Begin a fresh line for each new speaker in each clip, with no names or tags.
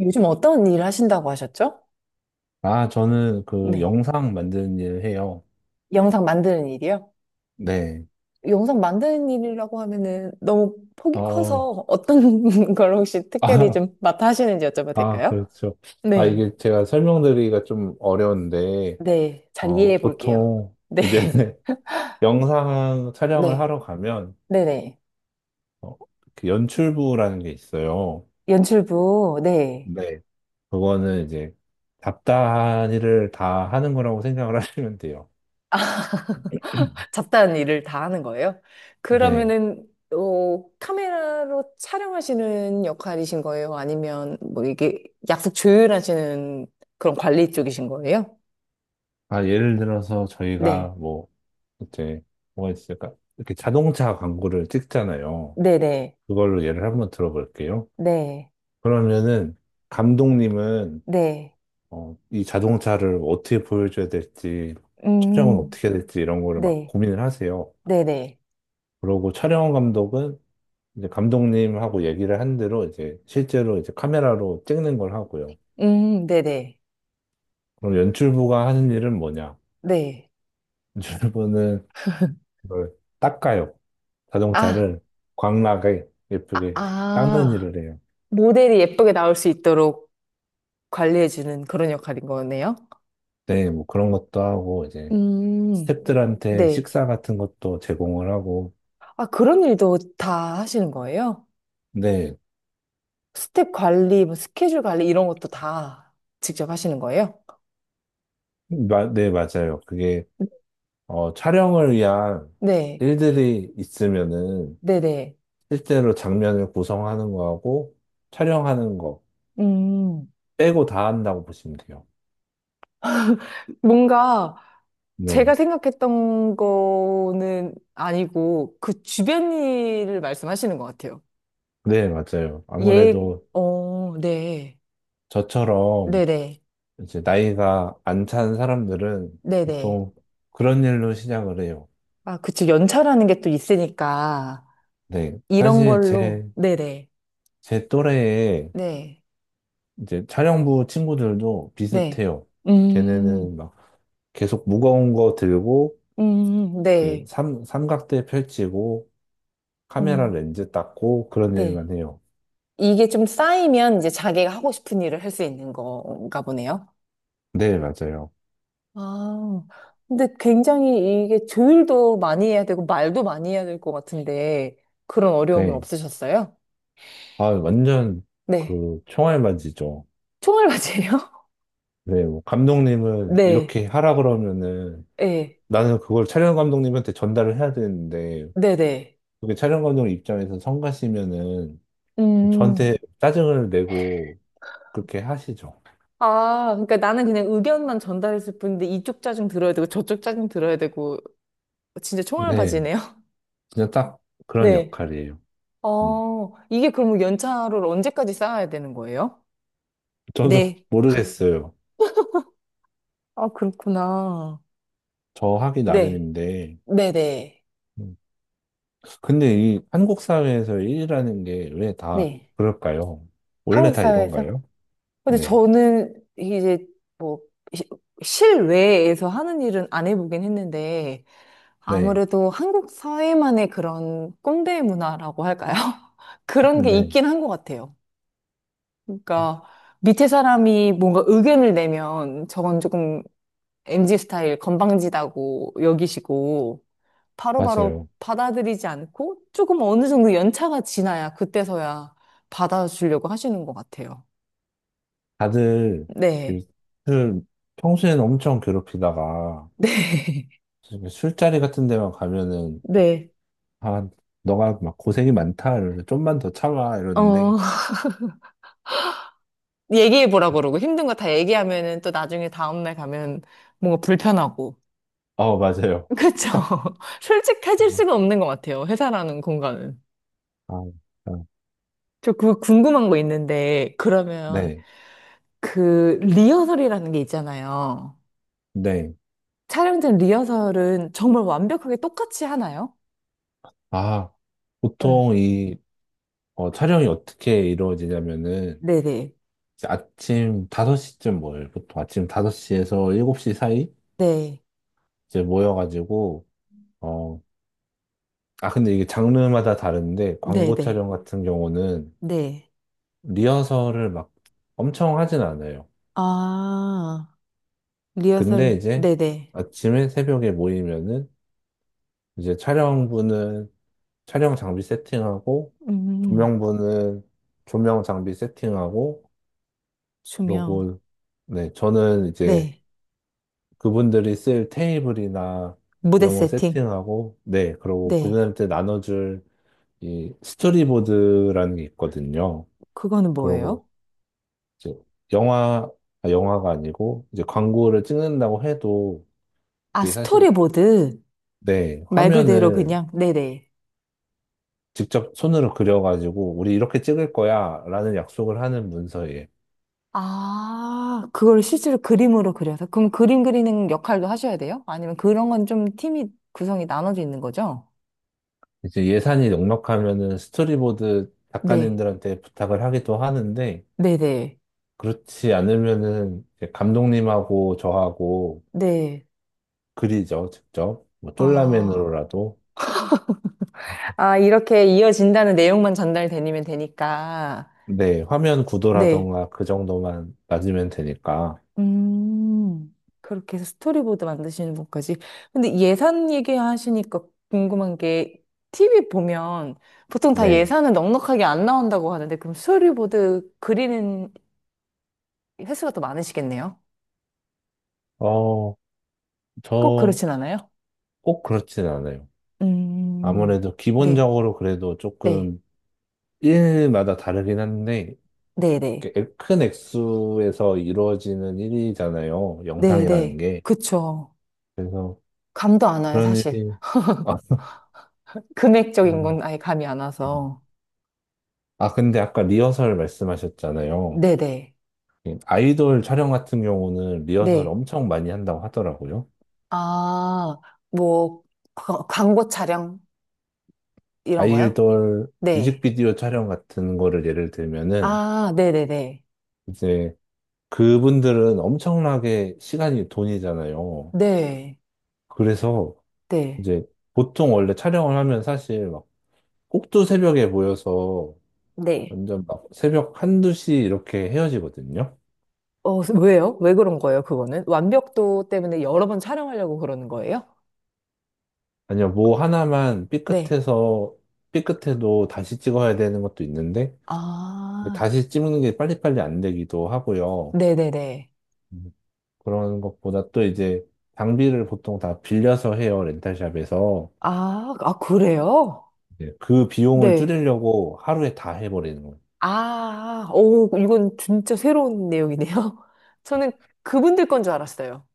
요즘 어떤 일을 하신다고 하셨죠?
아, 저는 그
네.
영상 만드는 일 해요.
영상 만드는 일이요?
네.
영상 만드는 일이라고 하면은 너무 폭이
어,
커서 어떤 걸 혹시 특별히
아,
좀 맡아 하시는지 여쭤봐도
아,
될까요?
그렇죠. 아,
네.
이게 제가 설명드리기가 좀 어려운데,
네, 잘 이해해 볼게요.
보통
네.
이제 영상 촬영을
네,
하러 가면,
네네.
어, 그 연출부라는 게 있어요.
연출부, 네.
네. 그거는 이제 잡다한 일을 다 하는 거라고 생각을 하시면 돼요.
잡다한 일을 다 하는 거예요.
네.
그러면은 어, 카메라로 촬영하시는 역할이신 거예요? 아니면 뭐 이게 약속 조율하시는 그런 관리 쪽이신 거예요?
아, 예를 들어서 저희가
네.
뭐, 이제 뭐가 있을까? 이렇게 자동차 광고를 찍잖아요.
네네.
그걸로 예를 한번 들어볼게요.
네.
그러면은 감독님은
네.
이 자동차를 어떻게 보여줘야 될지 촬영은
음,
어떻게 해야 될지 이런 거를 막
네.
고민을 하세요.
네네.
그러고 촬영 감독은 이제 감독님하고 얘기를 한 대로 이제 실제로 이제 카메라로 찍는 걸 하고요.
네네.
그럼 연출부가 하는 일은 뭐냐?
네.
연출부는 그걸 닦아요.
아,
자동차를 광나게
아,
예쁘게 닦는
아.
일을 해요.
모델이 예쁘게 나올 수 있도록 관리해주는 그런 역할인 거네요.
네, 뭐 그런 것도 하고 이제
음,
스태프들한테
네.
식사 같은 것도 제공을 하고,
아, 그런 일도 다 하시는 거예요?
네,
스텝 관리, 뭐 스케줄 관리 이런 것도 다 직접 하시는 거예요?
네, 맞아요. 그게, 촬영을 위한
네,
일들이 있으면은,
네네.
실제로 장면을 구성하는 거하고, 촬영하는 거
음,
빼고 다 한다고 보시면 돼요.
뭔가
네,
제가 생각했던 거는 아니고 그 주변 일을 말씀하시는 것 같아요.
네, 맞아요.
예,
아무래도
어, 네.
저처럼
네네.
이제 나이가 안 찬 사람들은
네네.
보통 그런 일로 시작을 해요.
아, 그쵸. 연차라는 게 또 있으니까
네,
이런
사실
걸로.
제,
네네.
제 또래에
네.
이제 촬영부 친구들도
네.
비슷해요.
네.
걔네는
음,
막 계속 무거운 거 들고, 이제
네.
삼각대 펼치고, 카메라
음,
렌즈 닦고, 그런
네.
일만 해요.
이게 좀 쌓이면 이제 자기가 하고 싶은 일을 할 수 있는 건가 보네요.
네, 맞아요.
아, 근데 굉장히 이게 조율도 많이 해야 되고 말도 많이 해야 될 것 같은데 그런 어려움은
네.
없으셨어요?
아, 완전
네.
그 총알맞이죠.
총알맞이에요?
네, 뭐 감독님은
네.
이렇게 하라 그러면은
네.
나는 그걸 촬영 감독님한테 전달을 해야 되는데,
네네.
그게 촬영 감독 입장에서 성가시면은 저한테
음.
짜증을 내고 그렇게 하시죠.
아, 그러니까 나는 그냥 의견만 전달했을 뿐인데 이쪽 짜증 들어야 되고 저쪽 짜증 들어야 되고 진짜
네.
총알맞이네요.
그냥 딱 그런
네.
역할이에요. 음.
어, 이게 그러면 연차를 언제까지 쌓아야 되는 거예요?
저도
네.
모르겠어요.
아, 그렇구나.
저 하기
네.
나름인데.
네네.
음. 근데 이 한국 사회에서 일이라는 게 왜 다
네.
그럴까요? 원래
한국
다
사회에서?
이런가요?
근데
네,
저는 이제 뭐 시- 실외에서 하는 일은 안 해보긴 했는데
네,
아무래도 한국 사회만의 그런 꼰대 문화라고 할까요? 그런 게
네.
있긴 한 것 같아요.
어,
그러니까 밑에 사람이 뭔가 의견을 내면 저건 조금 m g 스타일 건방지다고 여기시고 바로바로
맞아요.
받아들이지 않고 조금 어느 정도 연차가 지나야 그때서야 받아주려고 하시는 것 같아요.
다들
네.
이 술, 평소에는 엄청 괴롭히다가
네.
술자리 같은 데만 가면은
네.
아, 너가 막 고생이 많다 이러면서 좀만 더 참아 이러는데
어, 얘기해보라고 그러고 힘든 거 다 얘기하면은 또 나중에 다음날 가면 뭔가 불편하고.
맞아요.
그쵸? 솔직해질
아,
수가 없는 것 같아요. 회사라는 공간은.
아, 아.
저 그 궁금한 거 있는데, 그러면
네,
그 리허설이라는 게 있잖아요.
네.
촬영 전 리허설은 정말 완벽하게 똑같이 하나요?
아,
네.
보통 이 촬영이 어떻게 이루어지냐면은
네네.
이제 아침 5시쯤 모여요. 보통 아침 5시에서 7시 사이
네.
이제 모여가지고 어, 근데 이게 장르마다 다른데 광고
네네.
촬영 같은 경우는
네.
리허설을 막 엄청 하진 않아요.
아,
근데
리허설,
이제
네네.
아침에 새벽에 모이면은 이제 촬영부는 촬영 장비 세팅하고
음,
조명부는 조명 장비 세팅하고
조명.
그러고, 네, 저는 이제
네.
그분들이 쓸 테이블이나
무대
이런 거
세팅.
세팅하고, 네, 그러고
네.
그분한테 나눠줄 이 스토리보드라는 게 있거든요.
그거는 뭐예요?
그러고 이제 영화, 아, 영화가 아니고 이제 광고를 찍는다고 해도
아,
이게 사실,
스토리보드.
네,
말 그대로
화면을
그냥, 네네.
직접 손으로 그려가지고 우리 이렇게 찍을 거야 라는 약속을 하는 문서에
아, 그걸 실제로 그림으로 그려서. 그럼 그림 그리는 역할도 하셔야 돼요? 아니면 그런 건 좀 팀이 구성이 나눠져 있는 거죠?
이제 예산이 넉넉하면은 스토리보드
네.
작가님들한테 부탁을 하기도 하는데
네네.
그렇지 않으면은 이제 감독님하고 저하고
네.
그리죠, 직접. 뭐
아.
쫄라맨으로라도.
아, 이렇게 이어진다는 내용만 전달되면 되니까.
네, 화면
네.
구도라던가 그 정도만 낮으면 되니까.
음, 그렇게 해서 스토리보드 만드시는 분까지. 근데 예산 얘기하시니까 궁금한 게, TV 보면 보통 다
네.
예산은 넉넉하게 안 나온다고 하는데, 그럼 스토리보드 그리는 횟수가 더 많으시겠네요?
어,
꼭
저
그렇진 않아요?
꼭 그렇진 않아요.
음,
아무래도
네,
기본적으로 그래도
네,
조금 일마다 다르긴 한데,
네, 네,
이렇게 큰 액수에서 이루어지는 일이잖아요.
네,
영상이라는
네.
게.
그쵸.
그래서
감도 안 와요,
그런
사실.
일이, 아,
금액적인 건
아,
아예 감이 안
음.
와서.
아, 근데 아까 리허설 말씀하셨잖아요.
네네, 네.
예, 아이돌 촬영 같은 경우는 리허설
네.
엄청 많이 한다고 하더라고요.
아, 뭐, 광고 촬영? 이런 거요?
아이돌
네.
뮤직비디오 촬영 같은 거를 예를 들면은
아, 네네네.
이제 그분들은 엄청나게 시간이 돈이잖아요.
네.
그래서
네.
이제 보통 원래 촬영을 하면 사실 막 꼭두 새벽에 모여서
네.
완전 막 새벽 한두 시 이렇게 헤어지거든요.
어, 왜요? 왜 그런 거예요, 그거는? 완벽도 때문에 여러 번 촬영하려고 그러는 거예요?
아니요, 뭐 하나만
네.
삐끗해서 삐끗해도 다시 찍어야 되는 것도 있는데
아,
다시 찍는 게 빨리빨리 안 되기도 하고요.
네네네.
음, 그런 것보다 또 이제 장비를 보통 다 빌려서 해요, 렌탈샵에서.
아, 아, 그래요?
이제 그 비용을
네.
줄이려고 하루에 다 해버리는 거예요.
아, 오, 이건 진짜 새로운 내용이네요. 저는 그분들 건 줄 알았어요.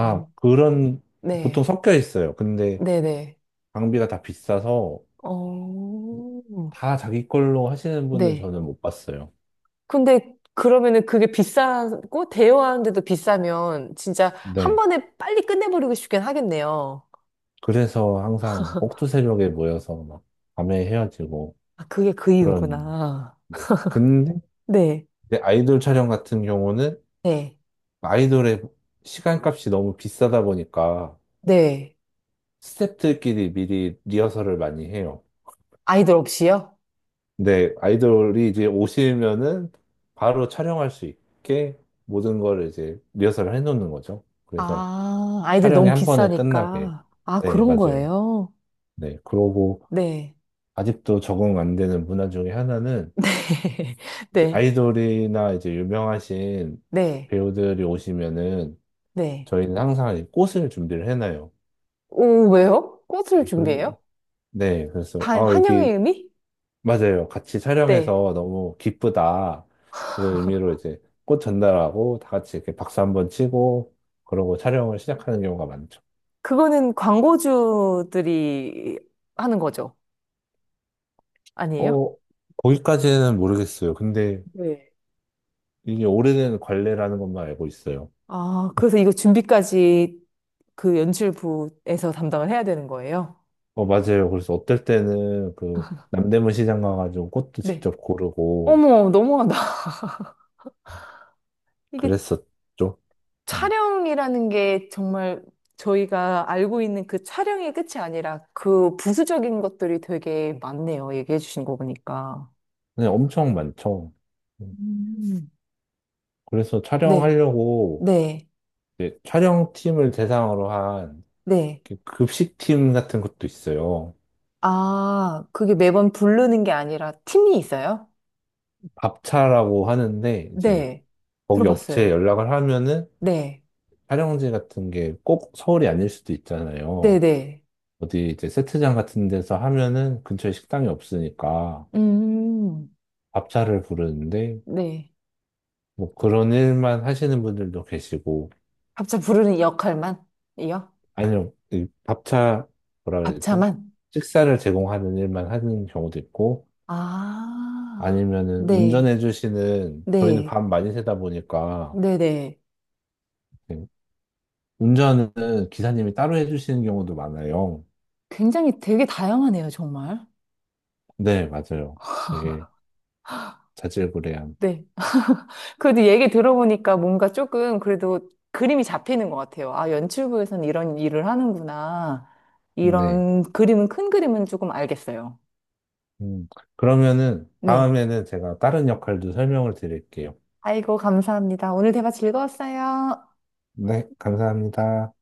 아,
그런, 보통
네.
섞여 있어요. 근데
네네.
장비가 다 비싸서
어,
다 자기 걸로 하시는 분은
네.
저는 못 봤어요.
근데 그러면은 그게 비싸고 대여하는데도 비싸면 진짜 한
네.
번에 빨리 끝내버리고 싶긴 하겠네요.
그래서 항상 꼭두새벽에 모여서 막 밤에 헤어지고
아, 그게 그
그런.
이유구나.
네. 근데
네,
이제 아이돌 촬영 같은 경우는
네,
아이돌의 시간값이 너무 비싸다 보니까
네.
스태프들끼리 미리 리허설을 많이 해요.
아이들 없이요?
근데 아이돌이 이제 오시면은 바로 촬영할 수 있게 모든 걸 이제 리허설을 해놓는 거죠. 그래서
아, 아이들
촬영이
너무
한 번에 끝나게.
비싸니까. 아,
네,
그런
맞아요.
거예요?
네, 그러고
네,
아직도 적응 안 되는 문화 중에 하나는 이제
네,
아이돌이나 이제 유명하신
네, 네,
배우들이 오시면은
네.
저희는 항상 이 꽃을 준비를 해놔요.
오, 왜요? 꽃을
그-
준비해요?
네, 그래서 아
반, 환영의
여기
의미?
맞아요. 같이
네.
촬영해서 너무 기쁘다. 이런 의미로 이제 꽃 전달하고 다 같이 이렇게 박수 한번 치고 그러고 촬영을 시작하는 경우가 많죠.
그거는 광고주들이 하는 거죠. 아니에요?
어, 거기까지는 모르겠어요. 근데
네.
이게 오래된 관례라는 것만 알고 있어요.
아, 그래서 이거 준비까지 그 연출부에서 담당을 해야 되는 거예요?
맞아요. 그래서 어떨 때는 그 남대문 시장 가가지고 꽃도
네.
직접 고르고
어머, 너무하다. 이게
그랬었죠. 음.
촬영이라는 게 정말 저희가 알고 있는 그 촬영의 끝이 아니라 그 부수적인 것들이 되게 많네요. 얘기해 주신 거 보니까.
근 엄청 많죠. 음.
음.
그래서
네,
촬영하려고
네,
이제 촬영팀을 대상으로 한
네.
이렇게 급식팀 같은 것도 있어요.
아, 그게 매번 부르는 게 아니라 팀이 있어요?
밥차라고 하는데 이제
네,
거기 업체에
들어봤어요.
연락을 하면은
네,
촬영지 같은 게 꼭 서울이 아닐 수도
네,
있잖아요.
네.
어디 이제 세트장 같은 데서 하면은 근처에 식당이 없으니까
음,
밥차를 부르는데
네.
뭐 그런 일만 하시는 분들도 계시고
밥차 부르는 역할만 이요?
아니요 이 밥차 뭐라 해야 되지?
밥차만?
식사를 제공하는 일만 하는 경우도 있고
아,
아니면은
네,
운전해 주시는 저희는
네,
밤 많이 새다 보니까
네네.
운전은 기사님이 따로 해주시는 경우도 많아요.
굉장히 되게 다양하네요, 정말.
네, 맞아요. 되게 자질구레한.
네. 그래도 얘기 들어보니까 뭔가 조금 그래도 그림이 잡히는 것 같아요. 아, 연출부에서는 이런 일을 하는구나.
네.
이런 그림은, 큰 그림은 조금 알겠어요.
음, 그러면은
네.
다음에는 제가 다른 역할도 설명을 드릴게요.
아이고, 감사합니다. 오늘 대화 즐거웠어요.
네, 감사합니다.